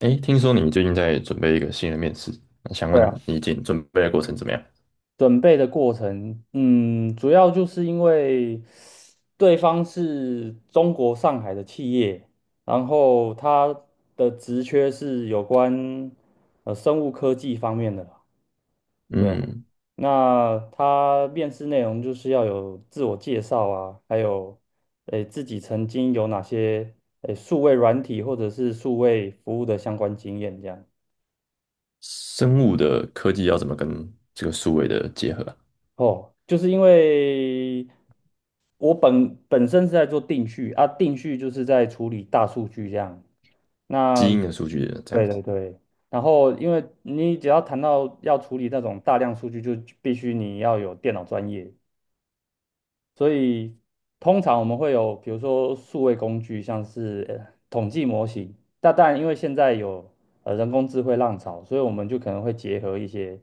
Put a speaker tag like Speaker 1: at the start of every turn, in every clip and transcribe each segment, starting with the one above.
Speaker 1: 哎，听说你最近在准备一个新的面试，那想
Speaker 2: 对
Speaker 1: 问
Speaker 2: 啊，
Speaker 1: 你已经准备的过程怎么样？
Speaker 2: 准备的过程，主要就是因为对方是中国上海的企业，然后他的职缺是有关生物科技方面的啦。对啊。
Speaker 1: 嗯，
Speaker 2: 那他面试内容就是要有自我介绍啊，还有自己曾经有哪些数位软体或者是数位服务的相关经验这样。
Speaker 1: 生物的科技要怎么跟这个数位的结合啊？
Speaker 2: 哦，就是因为我本身是在做定序啊，定序就是在处理大数据这样。
Speaker 1: 基
Speaker 2: 那，
Speaker 1: 因的数据的这样
Speaker 2: 对
Speaker 1: 子。
Speaker 2: 对对，然后因为你只要谈到要处理那种大量数据，就必须你要有电脑专业，所以通常我们会有，比如说数位工具，像是统计模型。但因为现在有人工智慧浪潮，所以我们就可能会结合一些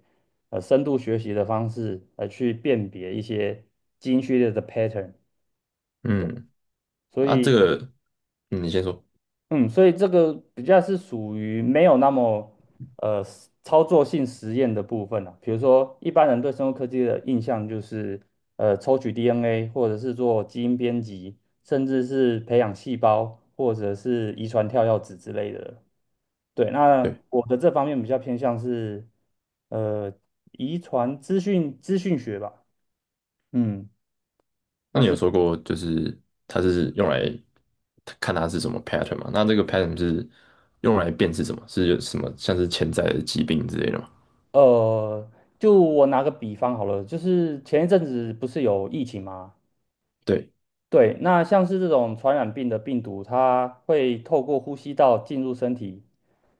Speaker 2: 深度学习的方式，来去辨别一些基因序列的 pattern。
Speaker 1: 嗯，
Speaker 2: 所
Speaker 1: 啊，这
Speaker 2: 以
Speaker 1: 个，嗯，你先说。
Speaker 2: 嗯，所以这个比较是属于没有那么实操作性实验的部分啊。比如说，一般人对生物科技的印象就是抽取 DNA，或者是做基因编辑，甚至是培养细胞，或者是遗传跳药子之类的。对，那
Speaker 1: 对，
Speaker 2: 我的这方面比较偏向是呃遗传资讯学吧。嗯。
Speaker 1: 那你有说过就是它是用来看它是什么 pattern 吗？那这个 pattern 是用来辨识什么？是有什么像是潜在的疾病之类的吗？
Speaker 2: 呃，就我拿个比方好了，就是前一阵子不是有疫情吗？
Speaker 1: 对，
Speaker 2: 对，那像是这种传染病的病毒，它会透过呼吸道进入身体。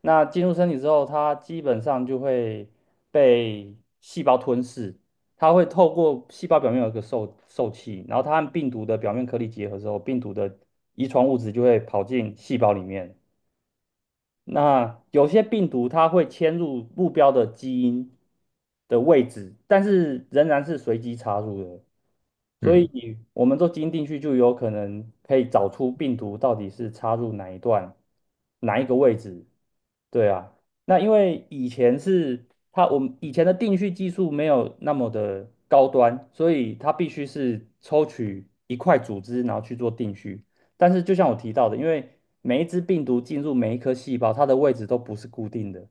Speaker 2: 那进入身体之后，它基本上就会被细胞吞噬。它会透过细胞表面有一个受器，然后它和病毒的表面颗粒结合之后，病毒的遗传物质就会跑进细胞里面。那有些病毒它会迁入目标的基因的位置，但是仍然是随机插入的，所
Speaker 1: 嗯，
Speaker 2: 以我们做基因定序就有可能可以找出病毒到底是插入哪一段、哪一个位置。对啊，那因为以前是它，我们以前的定序技术没有那么的高端，所以它必须是抽取一块组织，然后去做定序。但是就像我提到的，因为每一只病毒进入每一颗细胞，它的位置都不是固定的，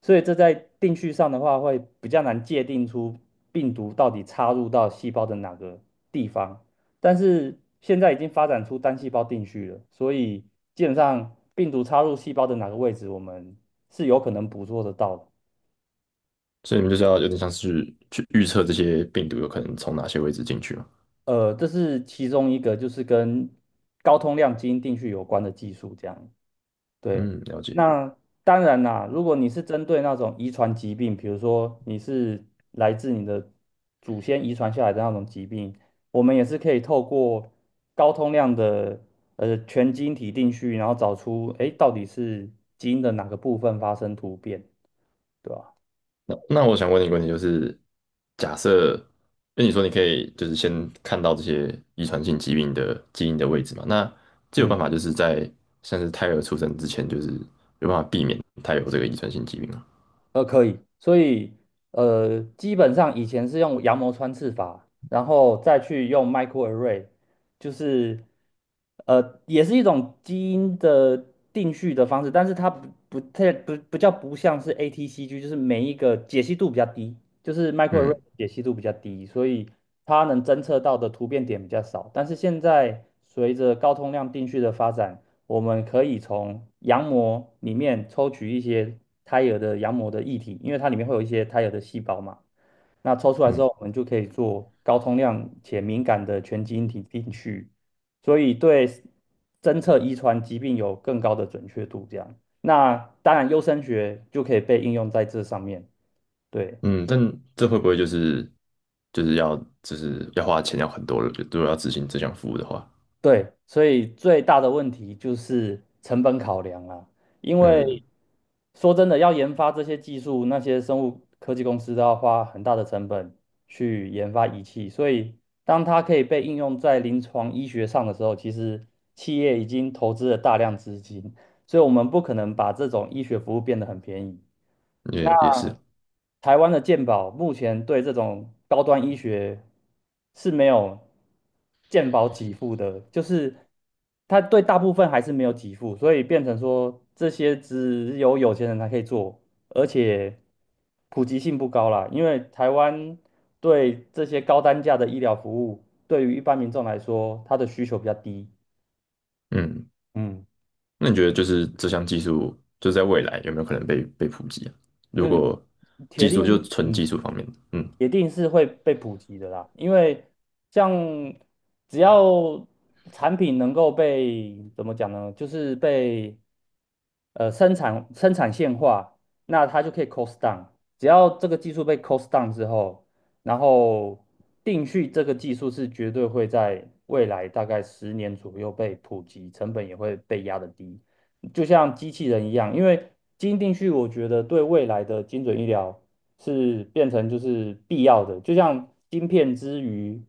Speaker 2: 所以这在定序上的话，会比较难界定出病毒到底插入到细胞的哪个地方。但是现在已经发展出单细胞定序了，所以基本上病毒插入细胞的哪个位置，我们是有可能捕捉得到的。
Speaker 1: 所以你们就是要有点像是去预测这些病毒有可能从哪些位置进去嘛？
Speaker 2: 这是其中一个，就是跟高通量基因定序有关的技术，这样。对，
Speaker 1: 嗯，了解。
Speaker 2: 那当然啦，如果你是针对那种遗传疾病，比如说你是来自你的祖先遗传下来的那种疾病，我们也是可以透过高通量的全基因体定序，然后找出到底是基因的哪个部分发生突变，对吧？
Speaker 1: 那我想问你一个问题，就是假设，因为你说你可以就是先看到这些遗传性疾病的基因的位置嘛，那就有办
Speaker 2: 嗯。
Speaker 1: 法就是在像是胎儿出生之前，就是有办法避免他有这个遗传性疾病吗？
Speaker 2: 可以，所以基本上以前是用羊膜穿刺法，然后再去用 microarray，就是也是一种基因的定序的方式，但是它不不太不不叫不像是 ATCG，就是每一个解析度比较低，就是 microarray 的
Speaker 1: 嗯
Speaker 2: 解析度比较低，所以它能侦测到的突变点比较少。但是现在随着高通量定序的发展，我们可以从羊膜里面抽取一些胎儿的羊膜的液体，因为它里面会有一些胎儿的细胞嘛。那抽出来之
Speaker 1: 嗯
Speaker 2: 后，我们就可以做高通量且敏感的全基因体定序，所以对侦测遗传疾病有更高的准确度。这样，那当然优生学就可以被应用在这上面。对。
Speaker 1: 嗯，但这会不会就是就是要就是要花钱要很多了？就如果要执行这项服务的话，
Speaker 2: 对，所以最大的问题就是成本考量啦。因为
Speaker 1: 嗯，
Speaker 2: 说真的，要研发这些技术，那些生物科技公司都要花很大的成本去研发仪器，所以当它可以被应用在临床医学上的时候，其实企业已经投资了大量资金，所以我们不可能把这种医学服务变得很便宜。
Speaker 1: 也是，
Speaker 2: 台湾的健保目前对这种高端医学是没有健保给付的，就是它对大部分还是没有给付，所以变成说这些只有有钱人才可以做，而且普及性不高啦。因为台湾对这些高单价的医疗服务，对于一般民众来说，它的需求比较低。
Speaker 1: 嗯
Speaker 2: 嗯。
Speaker 1: 那你觉得就是这项技术，就在未来有没有可能被普及啊？
Speaker 2: 那
Speaker 1: 如果
Speaker 2: 铁
Speaker 1: 技术就
Speaker 2: 定，
Speaker 1: 纯
Speaker 2: 嗯。
Speaker 1: 技术方面，嗯
Speaker 2: 铁定是会被普及的啦，因为像只要产品能够被怎么讲呢，就是被生产线化，那它就可以 cost down。只要这个技术被 cost down 之后，然后定序这个技术是绝对会在未来大概10年左右被普及，成本也会被压得低，就像机器人一样，因为基因定序，我觉得对未来的精准医疗，是变成就是必要的，就像晶片之于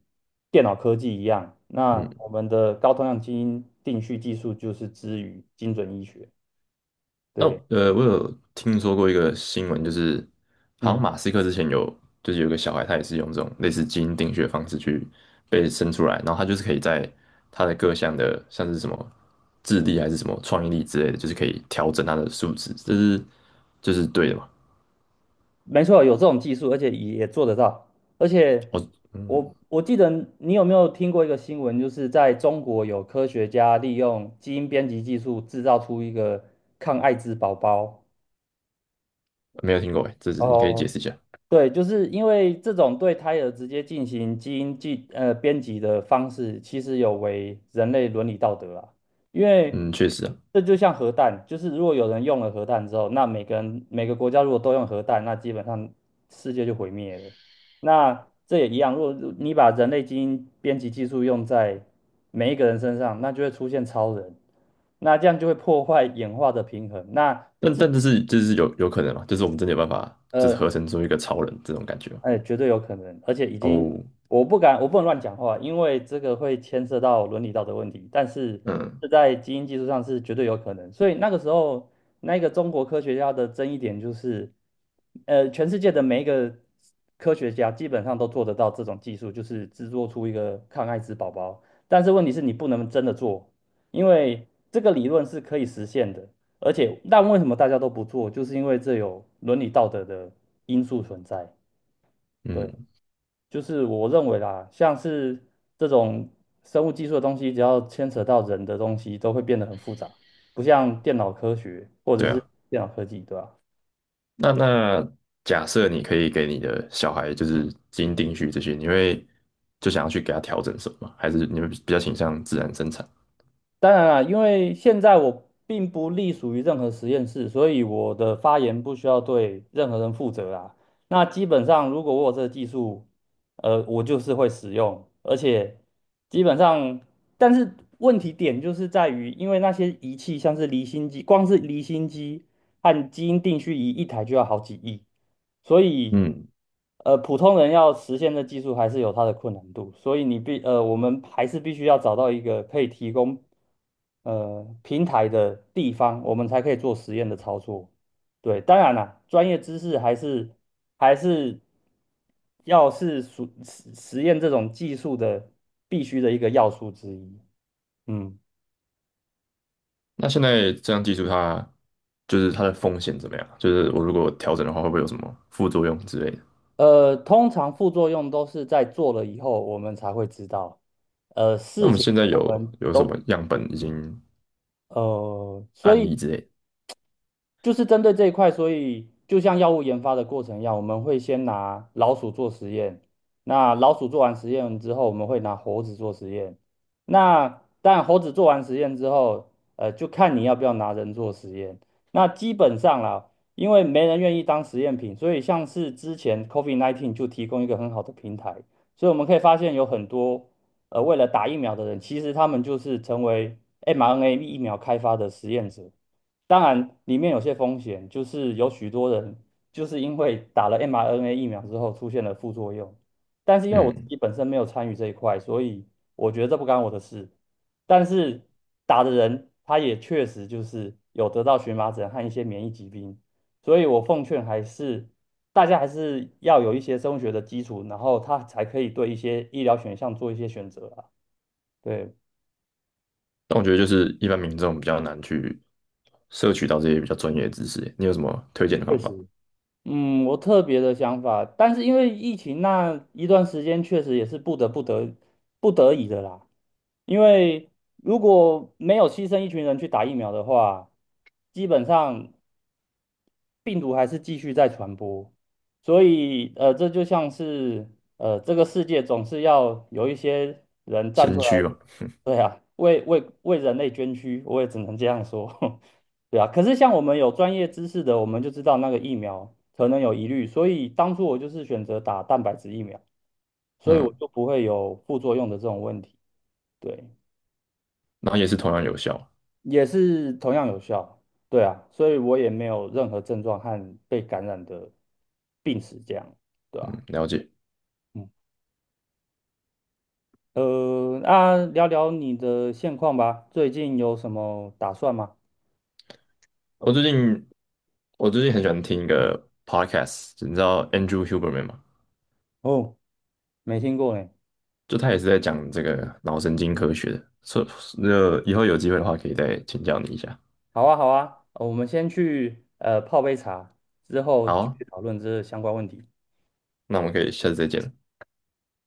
Speaker 2: 电脑科技一样，那
Speaker 1: 嗯，
Speaker 2: 我们的高通量基因定序技术就是之于精准医学。
Speaker 1: 那
Speaker 2: 对，
Speaker 1: 我有听说过一个新闻，就是好
Speaker 2: 嗯，
Speaker 1: 像马斯克之前有就是有一个小孩，他也是用这种类似基因定序的方式去被生出来，然后他就是可以在他的各项的像是什么智力还是什么创意力之类的，就是可以调整他的素质，这是对的嘛？
Speaker 2: 没错，有这种技术，而且也做得到。而且
Speaker 1: 哦，嗯，
Speaker 2: 我记得你有没有听过一个新闻，就是在中国有科学家利用基因编辑技术制造出一个抗艾滋宝宝。
Speaker 1: 没有听过哎，这是你可以解
Speaker 2: 哦，
Speaker 1: 释一下。
Speaker 2: 对，就是因为这种对胎儿直接进行基因编辑的方式，其实有违人类伦理道德啊。因为
Speaker 1: 嗯，确实啊。
Speaker 2: 这就像核弹，就是如果有人用了核弹之后，那每个人每个国家如果都用核弹，那基本上世界就毁灭了。那这也一样，如果你把人类基因编辑技术用在每一个人身上，那就会出现超人，那这样就会破坏演化的平衡。
Speaker 1: 但这是就是有可能嘛，就是我们真的有办法，就是
Speaker 2: 呃。
Speaker 1: 合成出一个超人这种感觉吗？
Speaker 2: 哎，绝对有可能，而且已经，
Speaker 1: 哦，
Speaker 2: 我不敢，我不能乱讲话，因为这个会牵涉到伦理道德问题。但是
Speaker 1: 嗯
Speaker 2: 这在基因技术上是绝对有可能，所以那个时候，那个中国科学家的争议点就是，全世界的每一个科学家基本上都做得到这种技术，就是制作出一个抗艾滋宝宝。但是问题是你不能真的做，因为这个理论是可以实现的，而且但为什么大家都不做，就是因为这有伦理道德的因素存在。对。
Speaker 1: 嗯，
Speaker 2: 就是我认为啦，像是这种生物技术的东西，只要牵扯到人的东西，都会变得很复杂，不像电脑科学或者
Speaker 1: 对
Speaker 2: 是
Speaker 1: 啊。
Speaker 2: 电脑科技，对吧。
Speaker 1: 那假设你可以给你的小孩就是基因定序这些，你会就想要去给他调整什么吗还是你会比较倾向自然生产？
Speaker 2: 当然啦，因为现在我并不隶属于任何实验室，所以我的发言不需要对任何人负责啦。那基本上，如果我有这个技术，我就是会使用，而且基本上，但是问题点就是在于，因为那些仪器像是离心机，光是离心机和基因定序仪一台就要好几亿，所以，
Speaker 1: 嗯，
Speaker 2: 呃，普通人要实现的技术还是有它的困难度，所以我们还是必须要找到一个可以提供平台的地方，我们才可以做实验的操作。对，当然啦，专业知识还是还是要是属实实验这种技术的必须的一个要素之一。嗯。
Speaker 1: 那现在这样技术它就是它的风险怎么样？就是我如果调整的话，会不会有什么副作用之类的？
Speaker 2: 通常副作用都是在做了以后我们才会知道，呃，
Speaker 1: 那我
Speaker 2: 事
Speaker 1: 们
Speaker 2: 情
Speaker 1: 现在
Speaker 2: 我
Speaker 1: 有
Speaker 2: 们
Speaker 1: 有什么
Speaker 2: 都
Speaker 1: 样本已经
Speaker 2: 呃，所
Speaker 1: 案
Speaker 2: 以
Speaker 1: 例之类的？
Speaker 2: 就是针对这一块，所以就像药物研发的过程一样，我们会先拿老鼠做实验，那老鼠做完实验之后，我们会拿猴子做实验。那但猴子做完实验之后，就看你要不要拿人做实验。那基本上啦，因为没人愿意当实验品，所以像是之前 COVID-19 就提供一个很好的平台，所以我们可以发现有很多为了打疫苗的人，其实他们就是成为 mRNA 疫苗开发的实验者。当然，里面有些风险，就是有许多人就是因为打了 mRNA 疫苗之后出现了副作用，但是因为我自
Speaker 1: 嗯。
Speaker 2: 己本身没有参与这一块，所以我觉得这不干我的事。但是打的人他也确实就是有得到荨麻疹和一些免疫疾病，所以我奉劝还是大家还是要有一些生物学的基础，然后他才可以对一些医疗选项做一些选择啊。对，
Speaker 1: 但我觉得就是一般民众比较难去摄取到这些比较专业的知识。你有什么推荐的
Speaker 2: 确
Speaker 1: 方法？
Speaker 2: 实。嗯，我特别的想法，但是因为疫情那一段时间，确实也是不得已的啦。因为如果没有牺牲一群人去打疫苗的话，基本上，病毒还是继续在传播，所以这就像是这个世界总是要有一些人站
Speaker 1: 先
Speaker 2: 出来，
Speaker 1: 驱嘛，
Speaker 2: 对啊，为人类捐躯，我也只能这样说，对啊。可是像我们有专业知识的，我们就知道那个疫苗可能有疑虑，所以当初我就是选择打蛋白质疫苗，所以我
Speaker 1: 嗯，
Speaker 2: 就不会有副作用的这种问题。对。
Speaker 1: 然后也是同样有效。
Speaker 2: 也是同样有效，对啊，所以我也没有任何症状和被感染的病史，这样，对啊，
Speaker 1: 嗯，了解。
Speaker 2: 嗯，那聊聊你的现况吧，最近有什么打算吗？
Speaker 1: 我最近我最近很喜欢听一个 podcast，你知道 Andrew Huberman 吗？
Speaker 2: 哦，没听过呢。
Speaker 1: 就他也是在讲这个脑神经科学的，所以那以后有机会的话可以再请教你一下。
Speaker 2: 好啊，好啊，我们先去泡杯茶，之后
Speaker 1: 好
Speaker 2: 继
Speaker 1: 啊，
Speaker 2: 续讨论这相关问题。
Speaker 1: 那我们可以下次再见了。